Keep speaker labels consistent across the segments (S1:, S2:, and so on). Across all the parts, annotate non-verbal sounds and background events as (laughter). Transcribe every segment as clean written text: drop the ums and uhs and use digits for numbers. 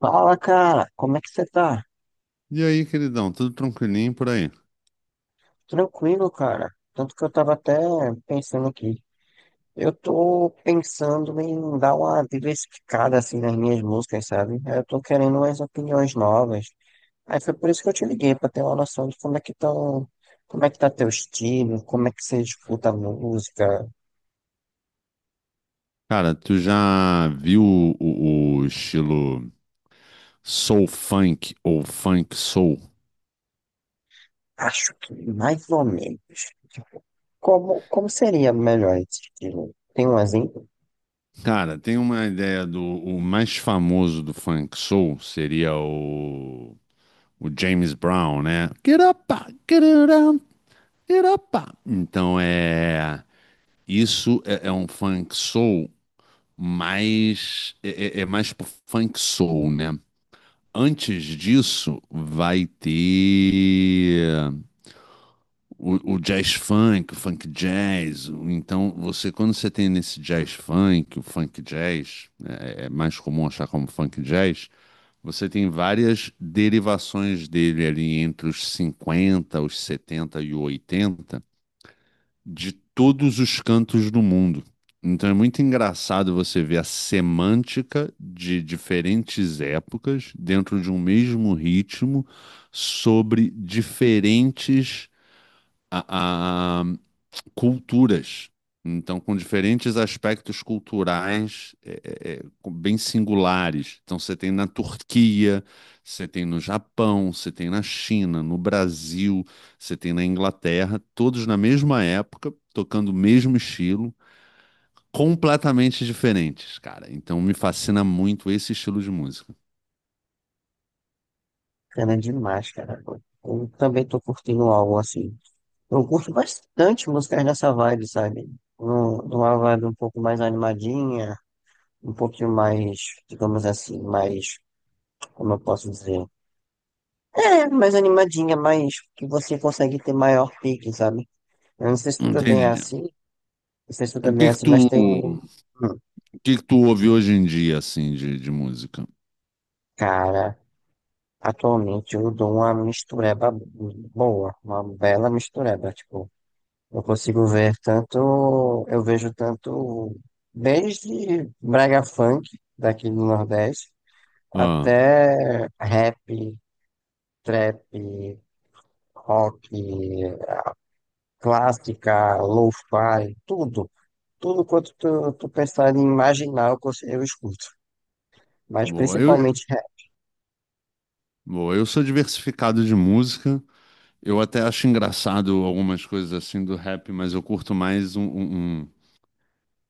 S1: Fala, cara, como é que você tá?
S2: E aí, queridão, tudo tranquilinho por aí?
S1: Tranquilo, cara. Tanto que eu tava até pensando aqui. Eu tô pensando em dar uma diversificada assim nas minhas músicas, sabe? Eu tô querendo umas opiniões novas. Aí foi por isso que eu te liguei, pra ter uma noção de como é que tão, como é que tá teu estilo, como é que você escuta a música.
S2: Cara, tu já viu o estilo soul funk ou funk soul?
S1: Acho que mais ou menos. Como seria melhor esse estilo? Tem um exemplo?
S2: Cara, tem uma ideia do o mais famoso do funk soul seria o James Brown, né? Get up, get it up, get up. Então é isso. É um funk soul, mais é mais pro funk soul, né? Antes disso, vai ter o jazz funk, o funk jazz. Então, você quando você tem nesse jazz funk, o funk jazz, é mais comum achar como funk jazz. Você tem várias derivações dele ali entre os 50, os 70 e o 80, de todos os cantos do mundo. Então é muito engraçado você ver a semântica de diferentes épocas dentro de um mesmo ritmo sobre diferentes a, a- culturas. Então, com diferentes aspectos culturais bem singulares. Então, você tem na Turquia, você tem no Japão, você tem na China, no Brasil, você tem na Inglaterra, todos na mesma época, tocando o mesmo estilo, completamente diferentes, cara. Então, me fascina muito esse estilo de música.
S1: Cana demais, cara. Eu também tô curtindo algo assim. Eu curto bastante músicas dessa vibe, sabe? De uma vibe um pouco mais animadinha, um pouquinho mais, digamos assim, mais, como eu posso dizer? É, mais animadinha, mais que você consegue ter maior pique, sabe? Eu não sei se tu também é
S2: Entendi.
S1: assim, não sei se tu
S2: O
S1: também é
S2: que que
S1: assim,
S2: tu,
S1: mas tem.
S2: o que que tu ouve hoje em dia, assim, de música?
S1: Cara, atualmente eu dou uma mistureba boa, uma bela mistureba, tipo. Eu consigo ver tanto, eu vejo tanto desde brega funk daqui do Nordeste
S2: Ah,
S1: até rap, trap, rock, clássica, lo-fi, tudo. Tudo quanto tu pensar em imaginar, eu escuto. Mas
S2: boa.
S1: principalmente rap.
S2: Boa, eu sou diversificado de música. Eu até acho engraçado algumas coisas assim do rap, mas eu curto mais.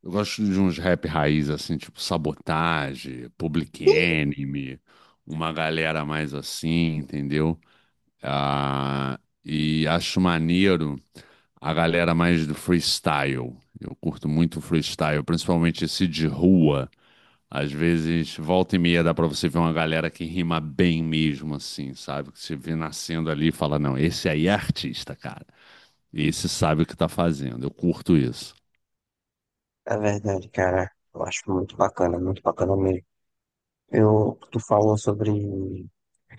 S2: Eu gosto de uns rap raiz, assim, tipo Sabotage, Public Enemy, uma galera mais assim, entendeu? Ah, e acho maneiro a galera mais do freestyle. Eu curto muito freestyle, principalmente esse de rua. Às vezes, volta e meia, dá pra você ver uma galera que rima bem mesmo, assim, sabe? Que você vê nascendo ali e fala, não, esse aí é artista, cara. Esse sabe o que tá fazendo. Eu curto isso.
S1: É verdade, cara. Eu acho muito bacana mesmo. Eu, tu falou sobre.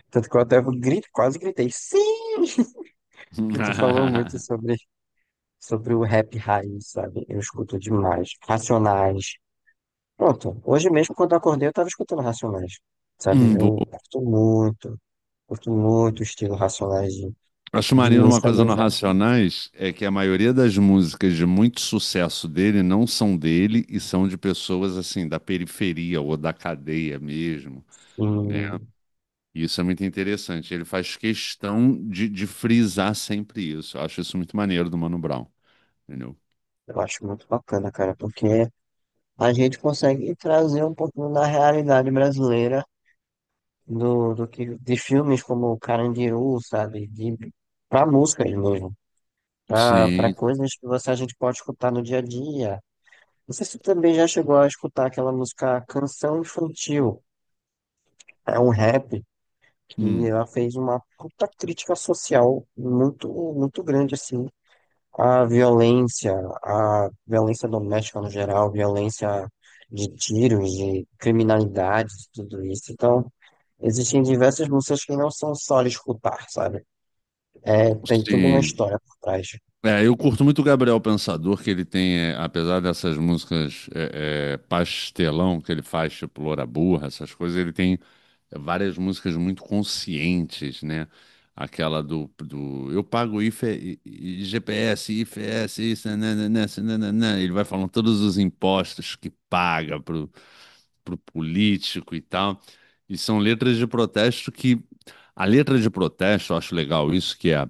S1: Tanto que eu até grito, quase gritei. Sim! Porque tu falou muito
S2: (laughs)
S1: sobre o rap raiz, sabe? Eu escuto demais. Racionais. Pronto, hoje mesmo quando eu acordei eu tava escutando Racionais, sabe?
S2: Boa.
S1: Eu curto muito o estilo Racionais
S2: Acho
S1: de
S2: maneiro uma
S1: música
S2: coisa
S1: do
S2: no
S1: Zé.
S2: Racionais: é que a maioria das músicas de muito sucesso dele não são dele e são de pessoas assim da periferia ou da cadeia mesmo, né?
S1: Assim,
S2: Isso é muito interessante. Ele faz questão de frisar sempre isso. Eu acho isso muito maneiro do Mano Brown. Entendeu?
S1: eu acho muito bacana, cara, porque a gente consegue trazer um pouquinho da realidade brasileira de filmes como Carandiru, sabe? De, pra músicas mesmo. Pra
S2: Sim.
S1: coisas que você, a gente pode escutar no dia a dia. Não sei se você também já chegou a escutar aquela música Canção Infantil. É um rap que
S2: Hum,
S1: ela fez uma puta crítica social muito, muito grande, assim, a violência, a violência doméstica no geral, violência de tiros, de criminalidade, de tudo isso. Então, existem diversas músicas que não são só de escutar, sabe? É, tem toda uma
S2: sim.
S1: história por trás.
S2: É, eu curto muito o Gabriel Pensador, que ele tem, apesar dessas músicas pastelão que ele faz, tipo Loura Burra, essas coisas, ele tem várias músicas muito conscientes, né? Aquela do eu pago IFE, G P S, GPS, IFS, isso, né nananã. Ele vai falando todos os impostos que paga pro político e tal. E são letras de protesto que. A letra de protesto, eu acho legal isso, que é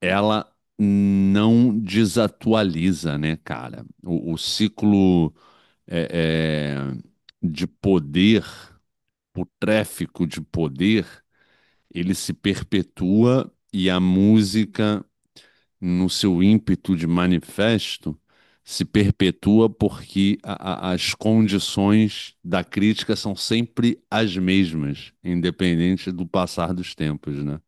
S2: ela não desatualiza, né, cara? O ciclo é, é, de poder, o tráfico de poder, ele se perpetua, e a música, no seu ímpeto de manifesto, se perpetua porque as condições da crítica são sempre as mesmas, independente do passar dos tempos, né?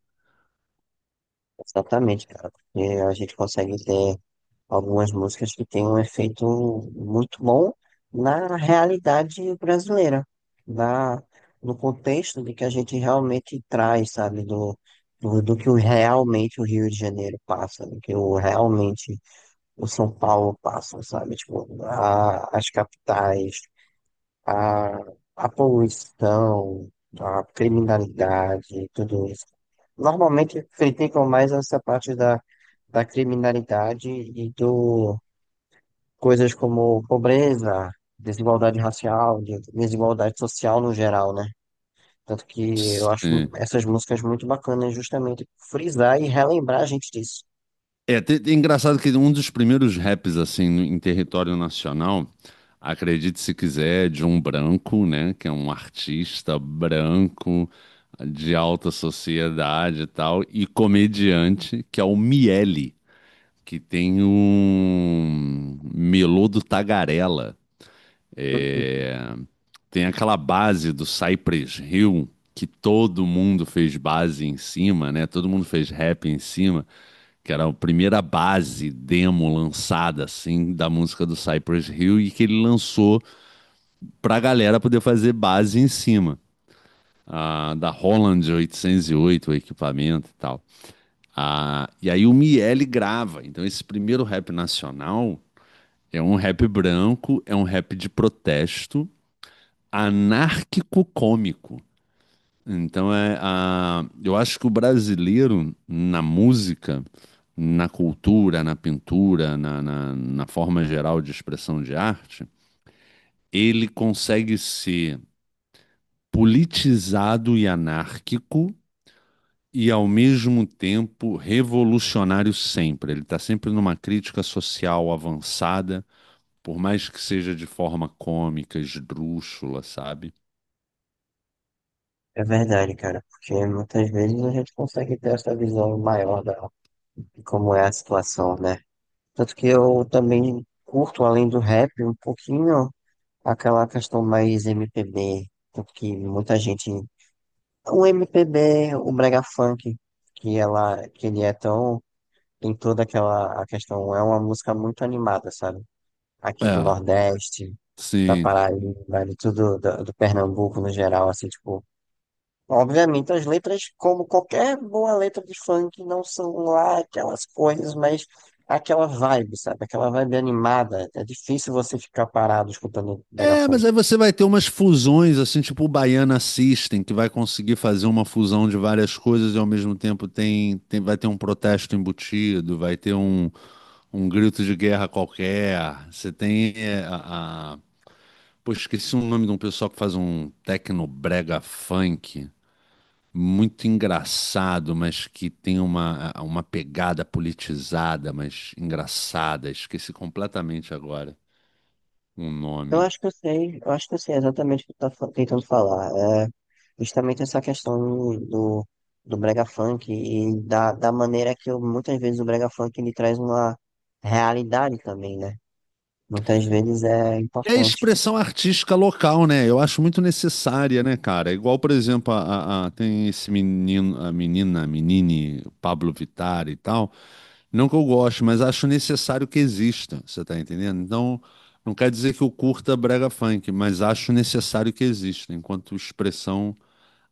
S1: Exatamente, cara. Porque a gente consegue ter algumas músicas que têm um efeito muito bom na realidade brasileira, na, no contexto de que a gente realmente traz, sabe, do que o- realmente o Rio de Janeiro passa, do que o, realmente o São Paulo passa, sabe, tipo, a- as capitais, a, a poluição, a criminalidade, tudo isso. Normalmente criticam mais essa parte da criminalidade e do, coisas como pobreza, desigualdade racial, desigualdade social no geral, né? Tanto que eu acho
S2: Sim.
S1: essas músicas muito bacanas justamente por frisar e relembrar a gente disso.
S2: É, engraçado que um dos primeiros raps, assim, em território nacional, acredite se quiser, de um branco, né, que é um artista branco, de alta sociedade e tal, e comediante, que é o Miele, que tem um melô do Tagarela.
S1: Uhum.
S2: É. Tem aquela base do Cypress Hill, que todo mundo fez base em cima, né, todo mundo fez rap em cima, que era a primeira base demo lançada assim da música do Cypress Hill, e que ele lançou para a galera poder fazer base em cima, da Holland 808, o equipamento e tal. Ah, e aí o Miele grava. Então esse primeiro rap nacional é um rap branco, é um rap de protesto anárquico cômico. Então eu acho que o brasileiro, na música, na cultura, na pintura, na forma geral de expressão de arte, ele consegue ser politizado e anárquico e ao mesmo tempo revolucionário sempre. Ele está sempre numa crítica social avançada, por mais que seja de forma cômica, esdrúxula, sabe?
S1: É verdade, cara, porque muitas vezes a gente consegue ter essa visão maior da, de como é a situação, né? Tanto que eu também curto, além do rap, um pouquinho aquela questão mais MPB, tanto que muita gente... O MPB, o brega funk, que ela, que ele é tão tem toda aquela a questão. É uma música muito animada, sabe? Aqui do
S2: É,
S1: Nordeste, da
S2: sim.
S1: Paraíba, né, de tudo, do, do Pernambuco no geral, assim, tipo. Obviamente, as letras, como qualquer boa letra de funk, não são lá aquelas coisas, mas aquela vibe, sabe? Aquela vibe animada. É difícil você ficar parado escutando brega
S2: É, mas
S1: funk.
S2: aí você vai ter umas fusões, assim, tipo o Baiana System, que vai conseguir fazer uma fusão de várias coisas e ao mesmo tempo vai ter um protesto embutido, vai ter um grito de guerra qualquer. Você tem é, a- Pô, esqueci o nome de um pessoal que faz um tecnobrega funk, muito engraçado, mas que tem uma pegada politizada, mas engraçada. Esqueci completamente agora o
S1: Eu
S2: nome.
S1: acho que eu sei, eu acho que eu sei exatamente o que tu tá tentando falar. Justamente essa questão do, do brega funk e da, da maneira que eu, muitas vezes o brega funk ele traz uma realidade também, né? Muitas vezes é
S2: É a
S1: importante,
S2: expressão artística local, né? Eu acho muito necessária, né, cara? É igual, por exemplo, tem esse menino, a menina, a menine, Pablo Vittar e tal. Não que eu goste, mas acho necessário que exista, você tá entendendo? Então, não quer dizer que eu curta brega funk, mas acho necessário que exista, enquanto expressão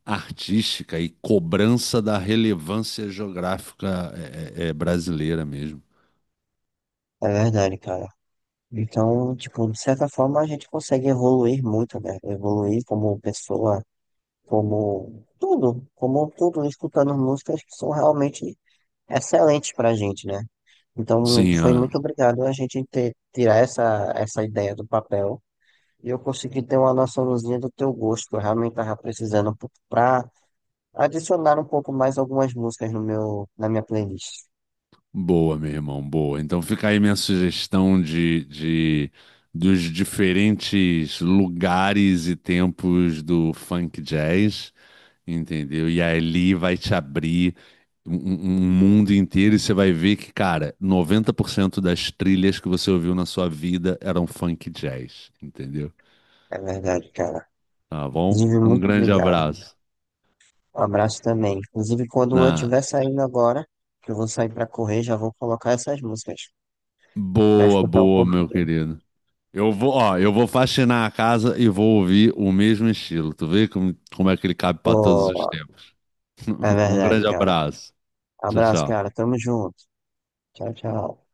S2: artística e cobrança da relevância geográfica é brasileira mesmo.
S1: é verdade, cara. Então, tipo, de certa forma a gente consegue evoluir muito, né? Evoluir como pessoa, como tudo, escutando músicas que são realmente excelentes pra gente, né? Então,
S2: Sim.
S1: foi muito obrigado a gente ter, tirar essa, essa ideia do papel. E eu consegui ter uma noçãozinha do teu gosto, que eu realmente tava precisando um pouco pra adicionar um pouco mais algumas músicas no meu, na minha playlist.
S2: Boa, meu irmão, boa. Então fica aí minha sugestão de dos diferentes lugares e tempos do funk jazz, entendeu? E ali vai te abrir um mundo inteiro, e você vai ver que, cara, 90% das trilhas que você ouviu na sua vida eram funk jazz, entendeu?
S1: É verdade, cara.
S2: Tá bom?
S1: Inclusive,
S2: Um
S1: muito
S2: grande
S1: obrigado.
S2: abraço.
S1: Um abraço também. Inclusive, quando eu
S2: Na
S1: estiver saindo agora, que eu vou sair pra correr, já vou colocar essas músicas pra
S2: boa,
S1: escutar um
S2: boa, meu
S1: pouquinho.
S2: querido. Eu vou, ó, eu vou faxinar a casa e vou ouvir o mesmo estilo. Tu vê como é que ele cabe para todos os
S1: Pô,
S2: tempos.
S1: é
S2: (laughs) Um
S1: verdade,
S2: grande
S1: cara.
S2: abraço. Tchau,
S1: Abraço,
S2: tchau.
S1: cara. Tamo junto. Tchau, tchau.